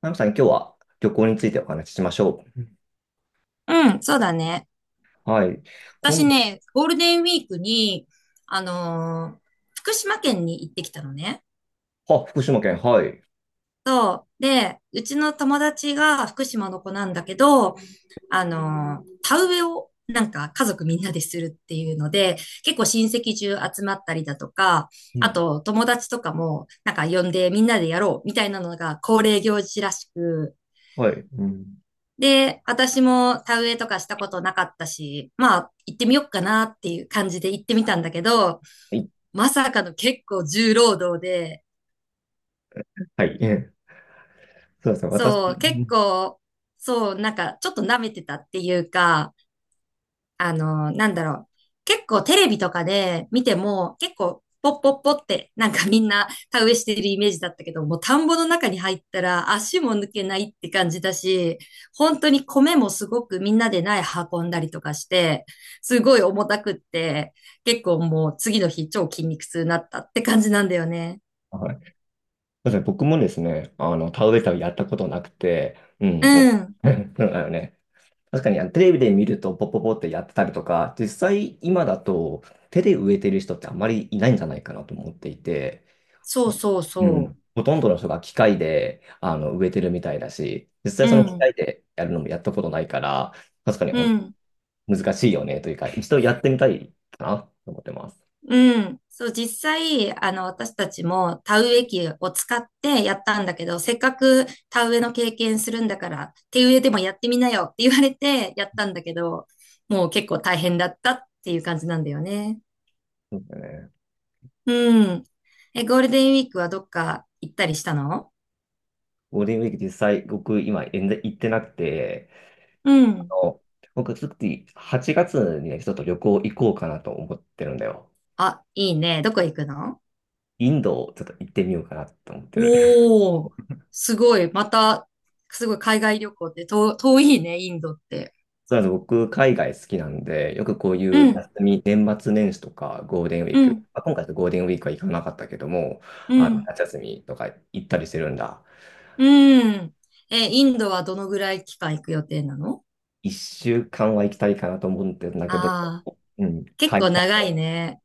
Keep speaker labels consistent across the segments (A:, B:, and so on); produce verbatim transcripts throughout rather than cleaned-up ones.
A: ナムさん、今日は旅行についてお話ししましょうん
B: うん、そうだね。
A: う。はい。
B: 私
A: 今度、
B: ね、ゴールデンウィークに、あのー福島県に行ってきたのね。
A: あ、福島県、はい。
B: で、うちの友達が福島の子なんだけど、あのー田植えをなんか家族みんなでするっていうので、結構親戚中集まったりだとか、
A: う
B: あ
A: ん。
B: と友達とかもなんか呼んでみんなでやろうみたいなのが恒例行事らしく、
A: はい。うん。
B: で、私も田植えとかしたことなかったし、まあ行ってみよっかなっていう感じで行ってみたんだけど、
A: はい。
B: まさかの結構重労働で、
A: はい。ええ、そうですね。私、う
B: そう、結
A: ん
B: 構、そう、なんかちょっと舐めてたっていうか、あの、なんだろう。結構テレビとかで見ても、結構ポッポッポってなんかみんな田植えしてるイメージだったけど、もう田んぼの中に入ったら足も抜けないって感じだし、本当に米もすごくみんなで苗運んだりとかして、すごい重たくって、結構もう次の日超筋肉痛になったって感じなんだよね。
A: はい。そうですね。僕もですね、あの、田植え旅やったことなくて、うん。
B: う
A: も
B: ん。
A: う うんあの ね、確かにあのテレビで見るとポポポってやってたりとか、実際今だと手で植えてる人ってあんまりいないんじゃないかなと思っていて、
B: そうそう
A: う
B: そ
A: ん。ほとんどの人が機械で、あの、植えてるみたいだし、実際
B: う。う
A: その機
B: ん、
A: 械でやるのもやったことないから、確かに
B: う
A: 本
B: ん、
A: 当難しいよねというか、一度やってみたいかなと思ってます。
B: うん。そう、実際、あの、私たちも田植え機を使ってやったんだけど、せっかく田植えの経験するんだから、手植えでもやってみなよって言われてやったんだけど、もう結構大変だったっていう感じなんだよね。
A: そうだね。
B: うん。え、ゴールデンウィークはどっか行ったりしたの？
A: ゴールデンウィーク実際僕今全然行ってなくて、
B: う
A: あ
B: ん。
A: の、僕ちょっとはちがつにね、ちょっと旅行行こうかなと思ってるんだよ。
B: あ、いいね。どこ行くの？
A: インドをちょっと行ってみようかなと思ってる。
B: おー、すごい。また、すごい海外旅行ってと遠いね、インドって。
A: そうなんです。僕、海外好きなんで、よくこうい
B: う
A: う休
B: ん、
A: み、年末年始とかゴールデンウィ
B: う
A: ーク、
B: ん、
A: まあ、今回のゴールデンウィークは行かなかったけども、
B: う
A: あの
B: ん、
A: 夏休みとか行ったりしてるんだ。
B: うん。え、インドはどのぐらい期間行く予定なの？
A: いっしゅうかんは行きたいかなと思ってるんだけど、
B: ああー、
A: うん、
B: 結
A: 会
B: 構
A: 社
B: 長い
A: の、
B: ね。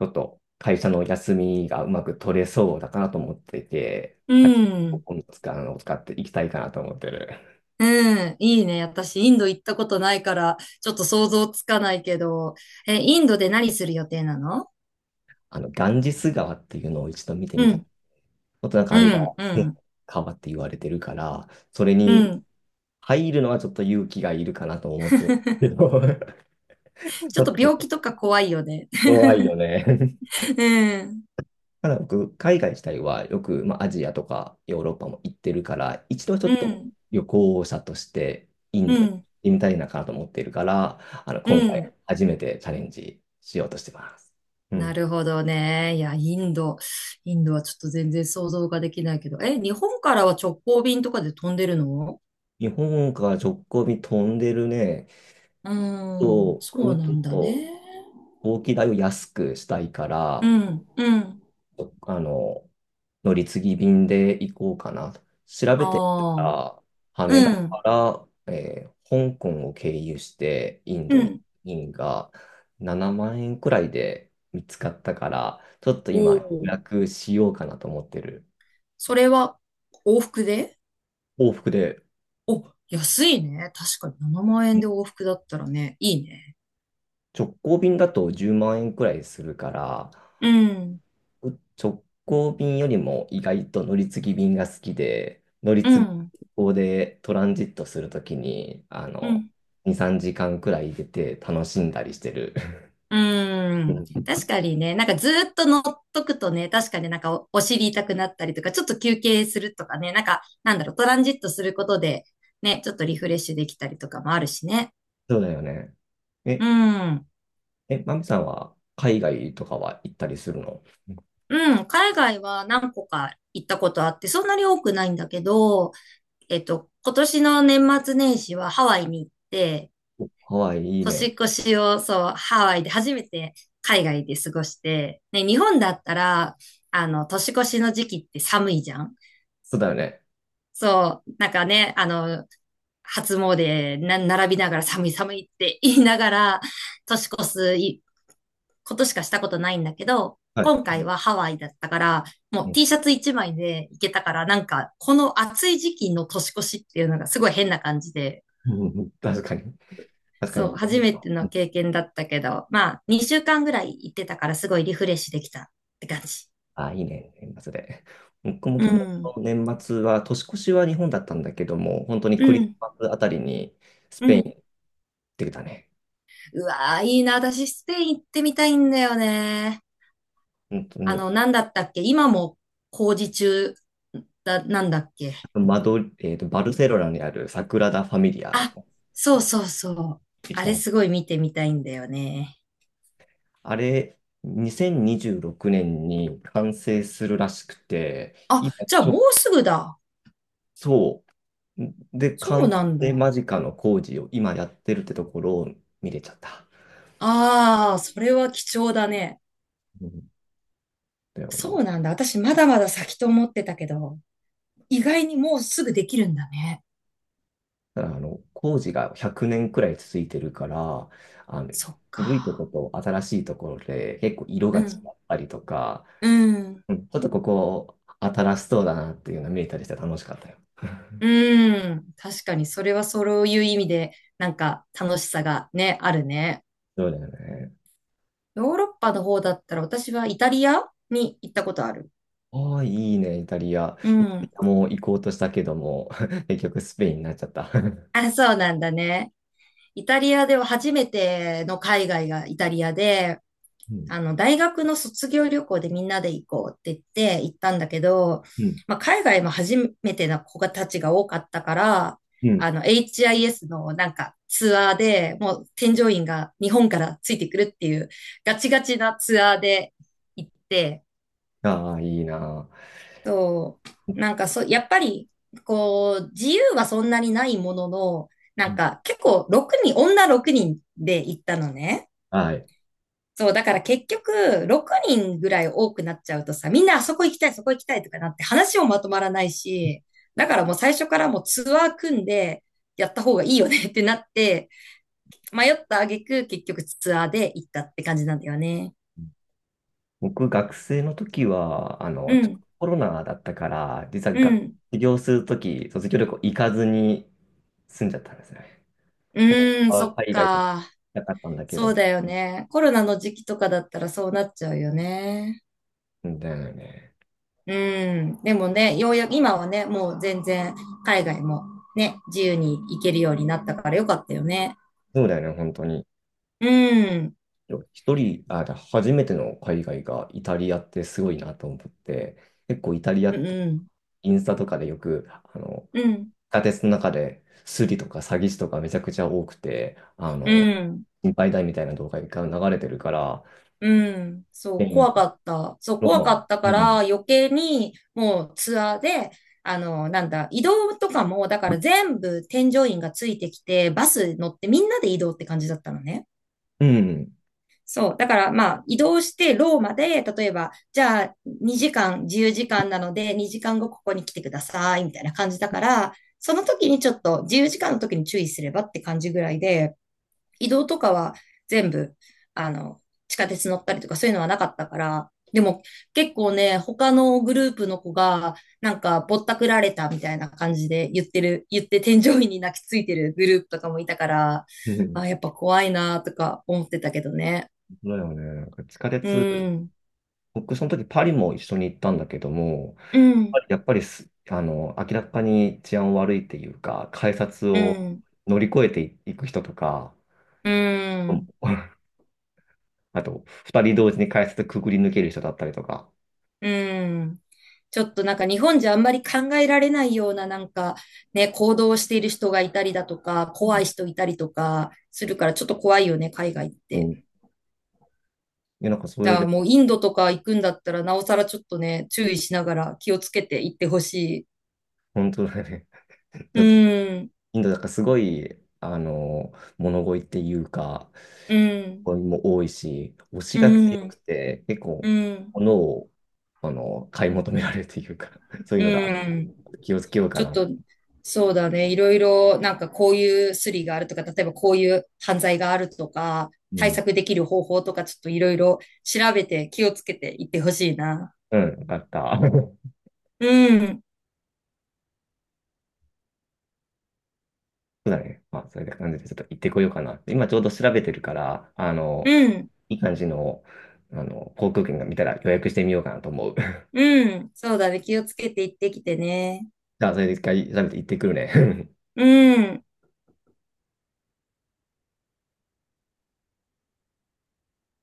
A: ちょっと会社の休みがうまく取れそうだかなと思っていて、
B: う
A: あ
B: ん、
A: 今度使うのを使って行きたいかなと思ってる。
B: うん、いいね。私、インド行ったことないから、ちょっと想像つかないけど、え、インドで何する予定なの？
A: あの、ガンジス川っていうのを一度見てみ
B: う
A: たい。ち
B: ん、
A: ょっとなんかあ
B: う
A: れが
B: ん、うん、
A: 川って言われてるから、それ
B: う
A: に、
B: ん。
A: 入るのはちょっと勇気がいるかなと思って。け ど ち
B: ち
A: ょ
B: ょっ
A: っ
B: と病
A: と
B: 気とか怖いよね。
A: 弱いよね。
B: うん、
A: ただ僕、海外自体はよく、まあ、アジアとかヨーロッパも行ってるから、一度ちょ
B: う
A: っと
B: ん、
A: 旅行者としてイン
B: う
A: ドに行っ
B: ん、
A: てみたいなかなと思っているから、あの、
B: う
A: 今回
B: ん。
A: 初めてチャレンジしようとしてます。う
B: な
A: ん。
B: るほどね。いや、インド。インドはちょっと全然想像ができないけど。え、日本からは直行便とかで飛んでるの？
A: 日本から直行便飛んでるね、
B: うーん、
A: と
B: そう
A: 空
B: な
A: 港
B: んだ
A: と
B: ね。
A: 飛行機代を安くしたいか
B: う
A: ら、
B: ん、うん。
A: あの、乗り継ぎ便で行こうかなと。調べてみた
B: ああ、
A: ら、羽田
B: う
A: か
B: ん、
A: ら、えー香港を経由してイン
B: う
A: ドに、
B: ん。
A: 便がななまん円くらいで見つかったから、ちょっと
B: お
A: 今、予
B: お、
A: 約しようかなと思ってる。
B: それは往復で？
A: 往復で、
B: お、安いね。確かにななまん
A: う
B: 円
A: ん
B: で往復だったらね、いいね。
A: 直行便だとじゅうまん円くらいするから、
B: うん、
A: 直行便よりも意外と乗り継ぎ便が好きで、乗り
B: う
A: 継ぎ
B: ん、
A: 便でトランジットするときに、あ
B: う
A: の、
B: ん。
A: に、さんじかんくらい出て楽しんだりしてる。
B: うー
A: う
B: ん。
A: ん、
B: 確かにね、なんかずーっと乗っとくとね、確かになんかお、お尻痛くなったりとか、ちょっと休憩するとかね、なんか、なんだろう、トランジットすることで、ね、ちょっとリフレッシュできたりとかもあるしね。
A: そうだよね。
B: う
A: え、
B: ん。
A: え、マミさんは海外とかは行ったりするの？
B: うん。海外は何個か行ったことあって、そんなに多くないんだけど、えっと、今年の年末年始はハワイに行って、
A: ハワイいい
B: 年
A: ね。
B: 越しを、そう、ハワイで初めて海外で過ごして、ね、日本だったら、あの、年越しの時期って寒いじゃん。
A: そうだよね。
B: そう、なんかね、あの、初詣な、並びながら寒い寒いって言いながら、年越すいことしかしたことないんだけど、
A: はい。
B: 今回はハワイだったから、も
A: う
B: う
A: ん
B: T シャツいちまいで行けたから、なんか、この暑い時期の年越しっていうのがすごい変な感じで、
A: うん、うん確かに。確かに。
B: そう、
A: この
B: 初
A: 辺だ
B: めて
A: とう
B: の
A: ん
B: 経験だったけど、まあ、にしゅうかんぐらい行ってたから、すごいリフレッシュできたって感じ。
A: あ、いいね。年末で。僕も
B: う
A: 去年
B: ん。
A: の年末は、年越しは日本だったんだけども、本当に
B: う
A: クリス
B: ん。
A: マスあたりに、ス
B: う
A: ペイン
B: ん。
A: ってたね。
B: うわー、いいな。私、スペイン行ってみたいんだよね。
A: 本当
B: あ
A: に、
B: の、なんだったっけ今も工事中だ、なんだっけ？
A: マドリえーと、バルセロナにあるサグラダ・ファミリア
B: あ、そうそうそう。
A: でき
B: あ
A: た
B: れ
A: ね。
B: すごい見てみたいんだよね。
A: あれ、にせんにじゅうろくねんにじゅうろくねんに完成するらしくて、
B: あ、
A: 今
B: じゃあ
A: ち
B: も
A: ょ、
B: うすぐだ。
A: そう。で、
B: そ
A: 完
B: うなん
A: 成
B: だ。
A: 間近の工事を今やってるってところを見れちゃった。
B: ああ、それは貴重だね。
A: うんだよ
B: そ
A: ね。
B: うなんだ。私まだまだ先と思ってたけど、意外にもうすぐできるんだね。
A: だからあの、工事がひゃくねんくねんくらい続いてるから、あの、
B: そっ
A: 古いとこ
B: か。
A: と新しいところで結構色
B: う
A: が違
B: ん。
A: ったりとか、
B: うん。
A: うん、ちょっとここ新しそうだなっていうの見えたりして楽しかったよ。
B: うん。確かに、それはそういう意味で、なんか楽しさがね、あるね。
A: そうだよね。
B: ヨーロッパの方だったら私はイタリアに行ったことある。
A: ああ、いいね、イタリア。
B: う
A: イタリ
B: ん。
A: アも行こうとしたけども、結局スペインになっちゃった。
B: あ、そうなんだね。イタリアでは初めての海外がイタリアで、
A: うん、
B: あの、大学の卒業旅行でみんなで行こうって言って行ったんだけど、
A: うん、
B: まあ、海外も初めての子たちが多かったから、
A: うん。
B: あの、エイチアイエス のなんかツアーで、もう添乗員が日本からついてくるっていうガチガチなツアーで行って、
A: ああ、いいな。
B: そう。なんかそう、やっぱり、こう、自由はそんなにないものの、な
A: う
B: ん
A: ん、
B: か結構ろくにん、女ろくにんで行ったのね。
A: はい。
B: そう、だから結局、ろくにんぐらい多くなっちゃうとさ、みんなあそこ行きたい、そこ行きたいとかなって話もまとまらないし、だからもう最初からもうツアー組んでやった方がいいよねってなって、迷った挙句結局ツアーで行ったって感じなんだよね。
A: 僕、学生の時は、あ
B: う
A: の、ちょっと
B: ん、
A: コロナだったから、実は
B: う
A: が卒
B: ん、
A: 業する時、卒業旅行行かずに住んじゃったんですね。
B: う
A: 本
B: ーん、
A: 当
B: そ
A: は
B: っ
A: 海外と行き
B: か。
A: たかったんだけ
B: そう
A: ど、
B: だよね。コロナの時期とかだったらそうなっちゃうよね。
A: うんだよね。
B: うん。でもね、ようやく今はね、もう全然海外もね、自由に行けるようになったからよかったよね。
A: そうだよね、本当に。
B: うん。
A: 一人、あ、初めての海外がイタリアってすごいなと思って、結構イタリア
B: う
A: って
B: ん。
A: インスタとかでよく、あの、
B: うん。
A: 地下鉄の中でスリとか詐欺師とかめちゃくちゃ多くて、あ
B: う
A: の、
B: ん。
A: 心配だみたいな動画が流れてるから、
B: うん。
A: ス
B: そ
A: ペ
B: う、
A: イン
B: 怖かった。そう、
A: ロー
B: 怖
A: マ、
B: かったか
A: うん、
B: ら余計にもうツアーで、あの、なんだ、移動とかも、だから全部添乗員がついてきて、バス乗ってみんなで移動って感じだったのね。
A: うん、
B: そう。だから、まあ、移動してローマで、例えば、じゃあ、にじかん、自由時間なので、にじかんごここに来てください、みたいな感じだから、その時にちょっと、自由時間の時に注意すればって感じぐらいで、移動とかは全部、あの、地下鉄乗ったりとかそういうのはなかったから、でも結構ね、他のグループの子が、なんか、ぼったくられたみたいな感じで言ってる、言って添乗員に泣きついてるグループとかもいたから、
A: うん、
B: あ、やっぱ怖いなとか思ってたけどね。
A: そうだよね。なんか地下
B: う
A: 鉄、
B: ん、
A: 僕その時パリも一緒に行ったんだけども、
B: うん、
A: やっぱりす、あの、明らかに治安悪いっていうか、改札
B: う
A: を
B: ん、
A: 乗り越えていく人とか、
B: う
A: うん
B: ん、
A: あと、二人同時に改札くぐり抜ける人だったりとか、
B: うん。ちょっとなんか日本じゃあんまり考えられないようななんかね、行動をしている人がいたりだとか、怖い人いたりとかするからちょっと怖いよね、海外っ
A: うん。うんい
B: て。
A: や、なんかそ
B: じ
A: れ
B: ゃあ
A: で、
B: もうインドとか行くんだったらなおさらちょっとね、注意しながら気をつけて行ってほしい。
A: 本当だね。ち
B: う
A: ょっと、
B: ん、
A: インドだからすごい、あの、物乞いっていうか、
B: うん、
A: 物乞いも多いし、推し
B: う
A: が強く
B: ん、
A: て、結
B: う
A: 構、
B: ん、
A: 物を、あの、買い求められるというか、そうい
B: う
A: うのが
B: ん。
A: 気をつけようか
B: ちょっ
A: な。
B: と、そうだね。いろいろ、なんかこういうスリがあるとか、例えばこういう犯罪があるとか、
A: う
B: 対
A: ん。
B: 策できる方法とか、ちょっといろいろ調べて気をつけていってほしいな。
A: うん、よかった。
B: うん、
A: そうだね。まあ、そういう感じでちょっと行ってこようかな、今ちょうど調べてるから、あの、
B: うん、
A: いい感じの、あの、航空券が見たら予約してみようかなと思う。
B: うん。そうだね。気をつけていってきてね。
A: じゃあ、それで一回調べて行ってくるね。
B: うん。